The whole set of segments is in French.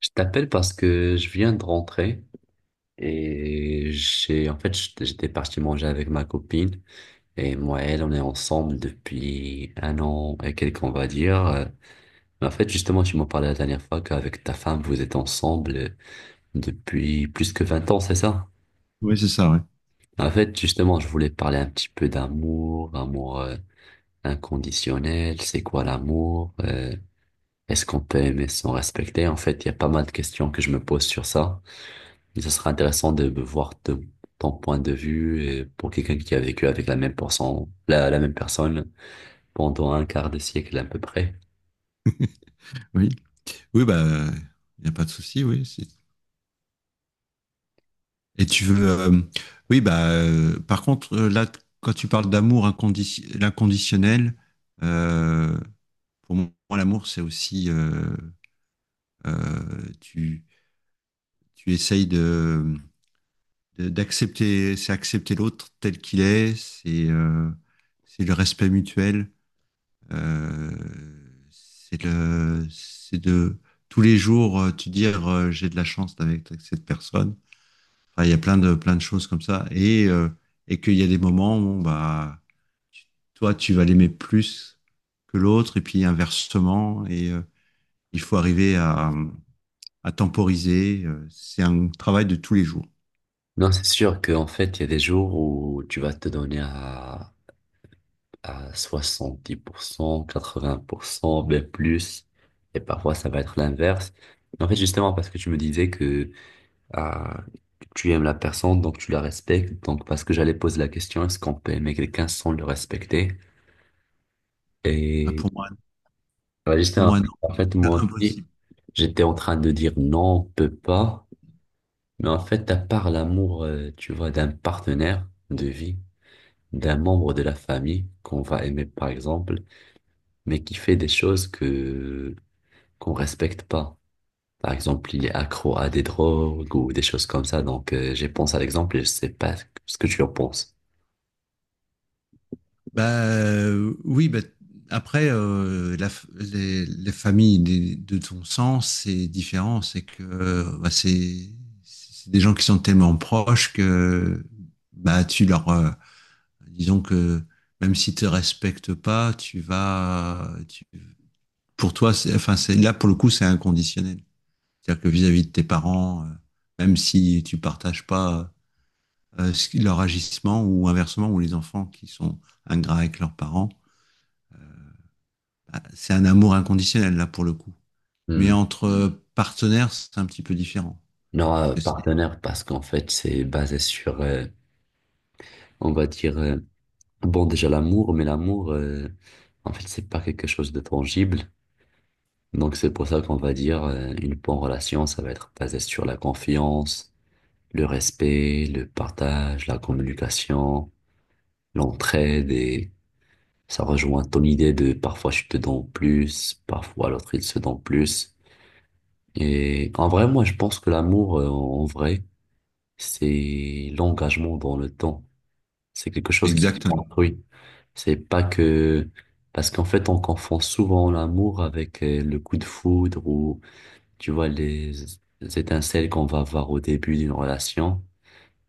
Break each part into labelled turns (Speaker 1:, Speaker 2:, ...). Speaker 1: Je t'appelle parce que je viens de rentrer et j'ai en fait j'étais j'étais parti manger avec ma copine, et moi et elle on est ensemble depuis un an et quelques, on va dire. Mais en fait, justement, tu m'en parlais la dernière fois qu'avec ta femme vous êtes ensemble depuis plus que 20 ans, c'est ça?
Speaker 2: Oui, c'est ça, ouais.
Speaker 1: En fait, justement, je voulais parler un petit peu d'amour, amour inconditionnel. C'est quoi l'amour? Est-ce qu'on peut aimer sans respecter? En fait, il y a pas mal de questions que je me pose sur ça. Et ce sera intéressant de voir ton point de vue, et pour quelqu'un qui a vécu avec la même personne, la même personne pendant un quart de siècle à peu près.
Speaker 2: Oui. Oui, bah, il n'y a pas de souci, oui. Et tu veux. Oui, bah, par contre, là, quand tu parles d'amour inconditionnel, l'inconditionnel, euh, pour moi, l'amour, c'est aussi. Euh, tu, tu essayes d'accepter, c'est accepter l'autre tel qu'il est, c'est le respect mutuel, euh, c'est le, c'est de. Tous les jours, tu dire j'ai de la chance avec cette personne. Enfin, il y a plein de choses comme ça. Et qu'il y a des moments où bah, tu- toi, tu vas l'aimer plus que l'autre, et puis inversement. Et il faut arriver à temporiser. C'est un travail de tous les jours.
Speaker 1: Non, c'est sûr qu'en fait, il y a des jours où tu vas te donner à 70%, 80%, même plus. Et parfois, ça va être l'inverse. En fait, justement, parce que tu me disais que, ah, tu aimes la personne, donc tu la respectes. Donc, parce que j'allais poser la question, est-ce qu'on peut aimer quelqu'un sans le respecter?
Speaker 2: Ah,
Speaker 1: Et
Speaker 2: pour moi,
Speaker 1: ouais, j'étais en,
Speaker 2: non,
Speaker 1: en fait,
Speaker 2: c'est
Speaker 1: moi aussi,
Speaker 2: impossible.
Speaker 1: j'étais en train de dire non, on peut pas. Mais en fait, à part l'amour, tu vois, d'un partenaire de vie, d'un membre de la famille qu'on va aimer, par exemple, mais qui fait des choses que qu'on respecte pas. Par exemple, il est accro à des drogues ou des choses comme ça. Donc, j'ai pensé à l'exemple et je sais pas ce que tu en penses.
Speaker 2: Bah oui, bah, après, les familles de ton sang, c'est différent. C'est que bah, c'est des gens qui sont tellement proches que bah, tu leur. Disons que même s'ils te respectent pas, tu vas. Pour toi, c'est, enfin, c'est, là, pour le coup, c'est inconditionnel. C'est-à-dire que vis-à-vis de tes parents, même si tu partages pas leur agissement ou inversement, ou les enfants qui sont ingrats avec leurs parents. Ah, c'est un amour inconditionnel là pour le coup. Mais
Speaker 1: Hmm.
Speaker 2: entre partenaires, c'est un petit peu différent.
Speaker 1: Non,
Speaker 2: Parce que c'est
Speaker 1: partenaire, parce qu'en fait, c'est basé sur, on va dire, bon, déjà l'amour. Mais l'amour, en fait, c'est pas quelque chose de tangible. Donc c'est pour ça qu'on va dire une bonne relation, ça va être basé sur la confiance, le respect, le partage, la communication, l'entraide, et ça rejoint ton idée de parfois je te donne plus, parfois l'autre il se donne plus. Et en vrai, moi je pense que l'amour, en vrai, c'est l'engagement dans le temps. C'est quelque chose qui se
Speaker 2: exactement.
Speaker 1: construit. C'est pas que... Parce qu'en fait, on confond souvent l'amour avec le coup de foudre, ou, tu vois, les étincelles qu'on va avoir au début d'une relation.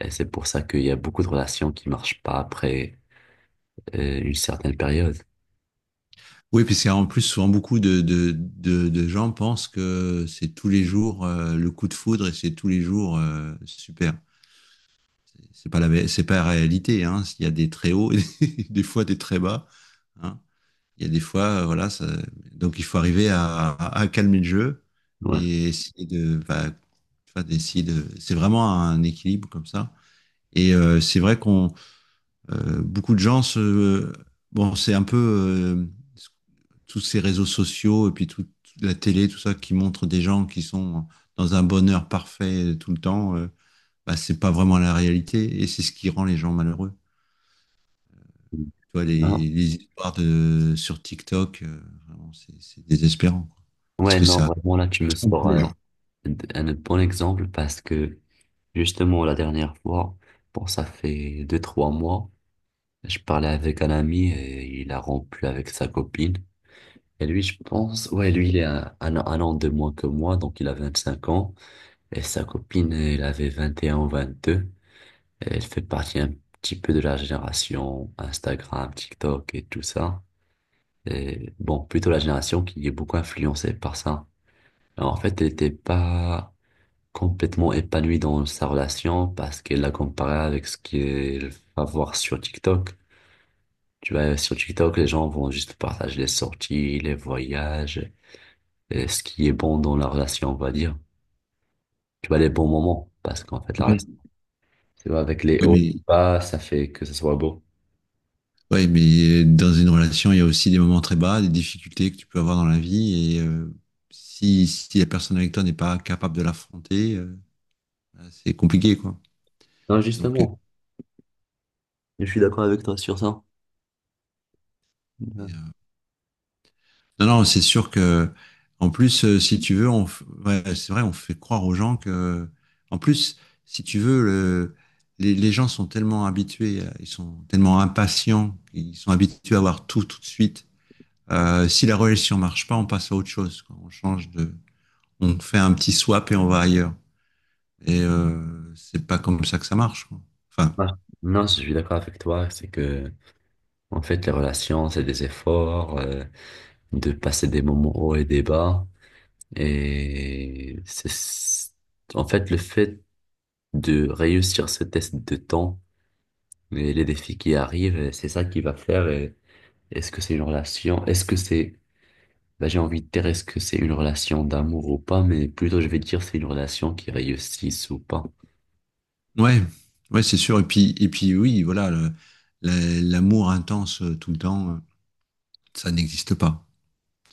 Speaker 1: Et c'est pour ça qu'il y a beaucoup de relations qui marchent pas après une certaine période.
Speaker 2: Oui, puis c'est en plus souvent beaucoup de gens pensent que c'est tous les jours le coup de foudre et c'est tous les jours super. C'est pas la réalité. Hein. Il y a des très hauts, et des fois des très bas. Hein. Il y a des fois, voilà, ça... Donc il faut arriver à calmer le jeu
Speaker 1: Ouais.
Speaker 2: et essayer de, bah, enfin, d'essayer de. C'est vraiment un équilibre comme ça. Et c'est vrai qu'on beaucoup de gens se bon c'est un peu tous ces réseaux sociaux et puis toute la télé tout ça qui montre des gens qui sont dans un bonheur parfait tout le temps bah, c'est pas vraiment la réalité et c'est ce qui rend les gens malheureux. Tu vois
Speaker 1: Non.
Speaker 2: les histoires de sur TikTok vraiment, c'est désespérant quoi. Parce
Speaker 1: Ouais,
Speaker 2: que
Speaker 1: non,
Speaker 2: ça
Speaker 1: vraiment, là, tu me
Speaker 2: trompe
Speaker 1: sors
Speaker 2: les gens.
Speaker 1: un bon exemple, parce que, justement, la dernière fois, bon, ça fait deux, trois mois, je parlais avec un ami et il a rompu avec sa copine. Et lui, je pense, ouais, lui, il est un an de moins que moi, donc il a 25 ans. Et sa copine, elle avait 21 ou 22. Elle fait partie un petit peu de la génération Instagram, TikTok et tout ça. Et bon, plutôt la génération qui est beaucoup influencée par ça. Alors, en fait, elle n'était pas complètement épanouie dans sa relation, parce qu'elle l'a comparé avec ce qu'elle va voir sur TikTok. Tu vois, sur TikTok, les gens vont juste partager les sorties, les voyages, ce qui est bon dans la relation, on va dire. Tu vois, les bons moments, parce qu'en fait, la relation,
Speaker 2: Oui,
Speaker 1: tu vois, avec les
Speaker 2: oui.
Speaker 1: hauts et les
Speaker 2: Mais,
Speaker 1: bas, ça fait que ça soit beau.
Speaker 2: Dans une relation, il y a aussi des moments très bas, des difficultés que tu peux avoir dans la vie. Et si la personne avec toi n'est pas capable de l'affronter, bah, c'est compliqué, quoi.
Speaker 1: Non,
Speaker 2: Donc,
Speaker 1: justement, je suis d'accord avec toi sur ça. Euh,
Speaker 2: mais, non, c'est sûr que, en plus, si tu veux, ouais, c'est vrai, on fait croire aux gens que, en plus, si tu veux, les gens sont tellement habitués, ils sont tellement impatients, ils sont habitués à avoir tout tout de suite. Si la relation marche pas, on passe à autre chose, quoi. On change de, on fait un petit swap et on va ailleurs. Et c'est pas comme ça que ça marche. Quoi. Enfin,
Speaker 1: ah, Non, je suis d'accord avec toi, c'est que, en fait, les relations, c'est des efforts, de passer des moments hauts et des bas. Et c'est, en fait, le fait de réussir ce test de temps et les défis qui arrivent, c'est ça qui va faire. Est-ce que c'est une relation? Est-ce que c'est, bah, j'ai envie de dire est-ce que c'est une relation d'amour ou pas, mais plutôt je vais dire c'est une relation qui réussisse ou pas.
Speaker 2: ouais, ouais, c'est sûr. Et puis, oui, voilà, l'amour intense tout le temps, ça n'existe pas.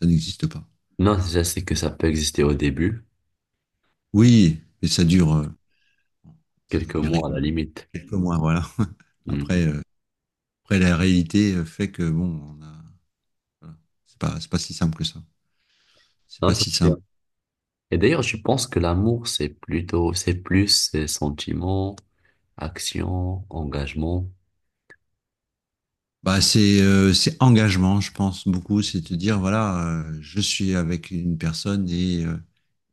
Speaker 2: Ça n'existe pas.
Speaker 1: Non, je sais que ça peut exister au début,
Speaker 2: Oui, mais ça va
Speaker 1: quelques
Speaker 2: durer
Speaker 1: mois à la limite.
Speaker 2: quelques mois, voilà. Après,
Speaker 1: Mhm.
Speaker 2: après la réalité fait que bon, on a, voilà, c'est pas si simple que ça. C'est
Speaker 1: Non,
Speaker 2: pas
Speaker 1: ça
Speaker 2: si
Speaker 1: c'est bien.
Speaker 2: simple.
Speaker 1: Et d'ailleurs, je pense que l'amour, c'est plutôt, c'est plus sentiment, action, engagement.
Speaker 2: Bah, c'est engagement, je pense beaucoup. C'est de dire voilà, je suis avec une personne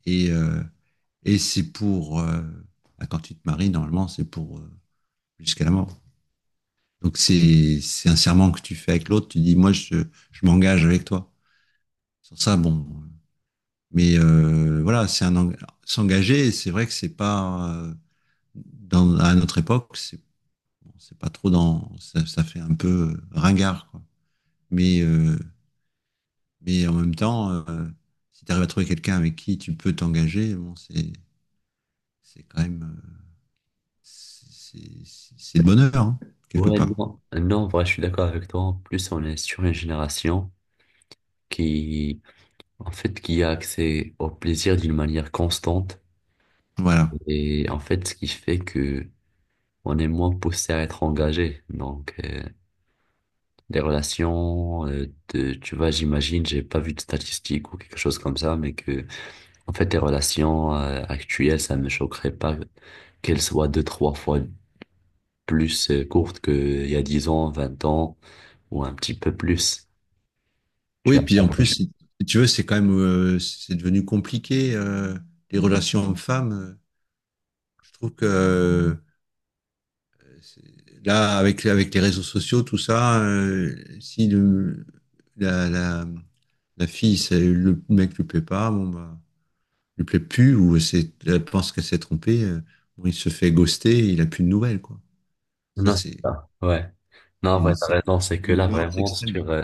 Speaker 2: Et, euh, et quand tu te maries, normalement, c'est pour jusqu'à la mort. Donc c'est un serment que tu fais avec l'autre, tu dis, moi, je m'engage avec toi. Sur ça, bon. Mais voilà, s'engager, c'est vrai que c'est pas, dans, à notre époque, c'est bon, c'est pas trop dans, ça fait un peu ringard, quoi. Mais, euh, mais, en même temps, si tu arrives à trouver quelqu'un avec qui tu peux t'engager, bon, c'est quand même. C'est c'est le bonheur, hein, quelque
Speaker 1: Ouais,
Speaker 2: part.
Speaker 1: non, non, en vrai, je suis d'accord avec toi. En plus, on est sur une génération qui, en fait, qui a accès au plaisir d'une manière constante.
Speaker 2: Voilà.
Speaker 1: Et en fait, ce qui fait que on est moins poussé à être engagé. Donc, les relations, de, tu vois, j'imagine, j'ai pas vu de statistiques ou quelque chose comme ça, mais que, en fait, les relations, actuelles, ça me choquerait pas qu'elles soient deux, trois fois plus courtes qu'il y a 10 ans, 20 ans, ou un petit peu plus. Tu
Speaker 2: Oui, et
Speaker 1: as
Speaker 2: puis
Speaker 1: pas
Speaker 2: en plus,
Speaker 1: de-.
Speaker 2: si tu veux, c'est quand même, c'est devenu compliqué, les relations hommes-femmes. Je trouve que c'est- là, avec les réseaux sociaux, tout ça, si la, la, la fille, le mec lui plaît pas, bon, bah, lui plaît plus, ou c'est, elle pense qu'elle s'est trompée, bon, il se fait ghoster, il a plus de nouvelles, quoi. Ça,
Speaker 1: Non, c'est
Speaker 2: c'est,
Speaker 1: ça. Ouais. Non, en vrai, t'as
Speaker 2: c'est
Speaker 1: raison, c'est que
Speaker 2: d'une
Speaker 1: là,
Speaker 2: violence
Speaker 1: vraiment,
Speaker 2: extrême.
Speaker 1: sur,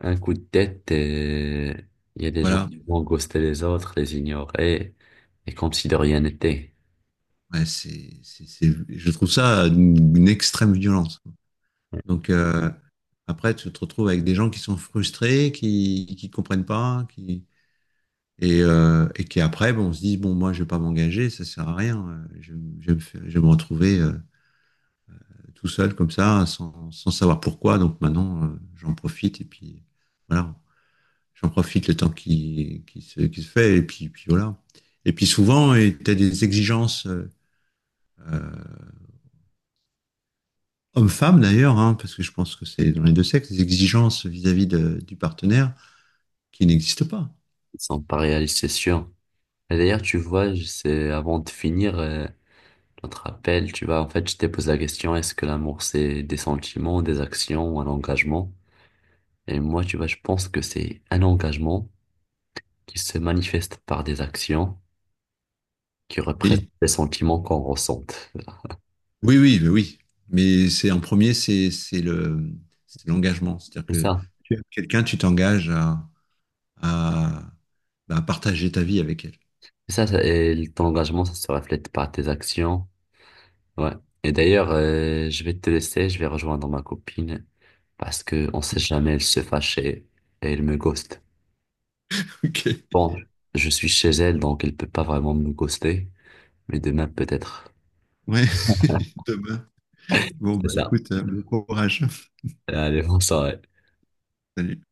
Speaker 1: un coup de tête, et il y a des gens
Speaker 2: Voilà.
Speaker 1: qui vont ghoster les autres, les ignorer, et comme si de rien n'était.
Speaker 2: Ouais, je trouve ça une extrême violence. Donc après, tu te retrouves avec des gens qui sont frustrés, qui comprennent pas, et qui après, bon, on se dit bon, moi, je vais pas m'engager, ça sert à rien. Je vais je vais me retrouver tout seul comme ça, sans savoir pourquoi. Donc maintenant, j'en profite et puis voilà, j'en profite le temps qui se fait et puis voilà. Et puis souvent, tu as des exigences. Euh, Homme-femme d'ailleurs, hein, parce que je pense que c'est dans les deux sexes, des exigences vis-à-vis du partenaire qui n'existent pas.
Speaker 1: Ils sont pas réalistes, c'est sûr. Et d'ailleurs, tu vois, je sais, avant de finir notre appel, tu vois, en fait, je t'ai posé la question, est-ce que l'amour, c'est des sentiments, des actions ou un engagement? Et moi, tu vois, je pense que c'est un engagement qui se manifeste par des actions qui représentent
Speaker 2: Oui,
Speaker 1: des sentiments qu'on ressente.
Speaker 2: oui, oui, oui, oui. Mais c'est en premier, c'est l'engagement, c'est-à-dire
Speaker 1: C'est
Speaker 2: que
Speaker 1: ça.
Speaker 2: tu aimes quelqu'un, tu t'engages à, bah, à partager ta vie avec elle.
Speaker 1: C'est ça, ça, et ton engagement, ça se reflète par tes actions. Ouais. Et d'ailleurs, je vais te laisser, je vais rejoindre ma copine, parce que on sait jamais, elle se fâche et elle me ghost.
Speaker 2: Ok.
Speaker 1: Bon, je suis chez elle, donc elle peut pas vraiment me ghoster, mais demain peut-être.
Speaker 2: Ouais. Demain. Bon
Speaker 1: C'est
Speaker 2: bah
Speaker 1: ça.
Speaker 2: écoute, bon courage.
Speaker 1: Allez, bonne soirée.
Speaker 2: Salut.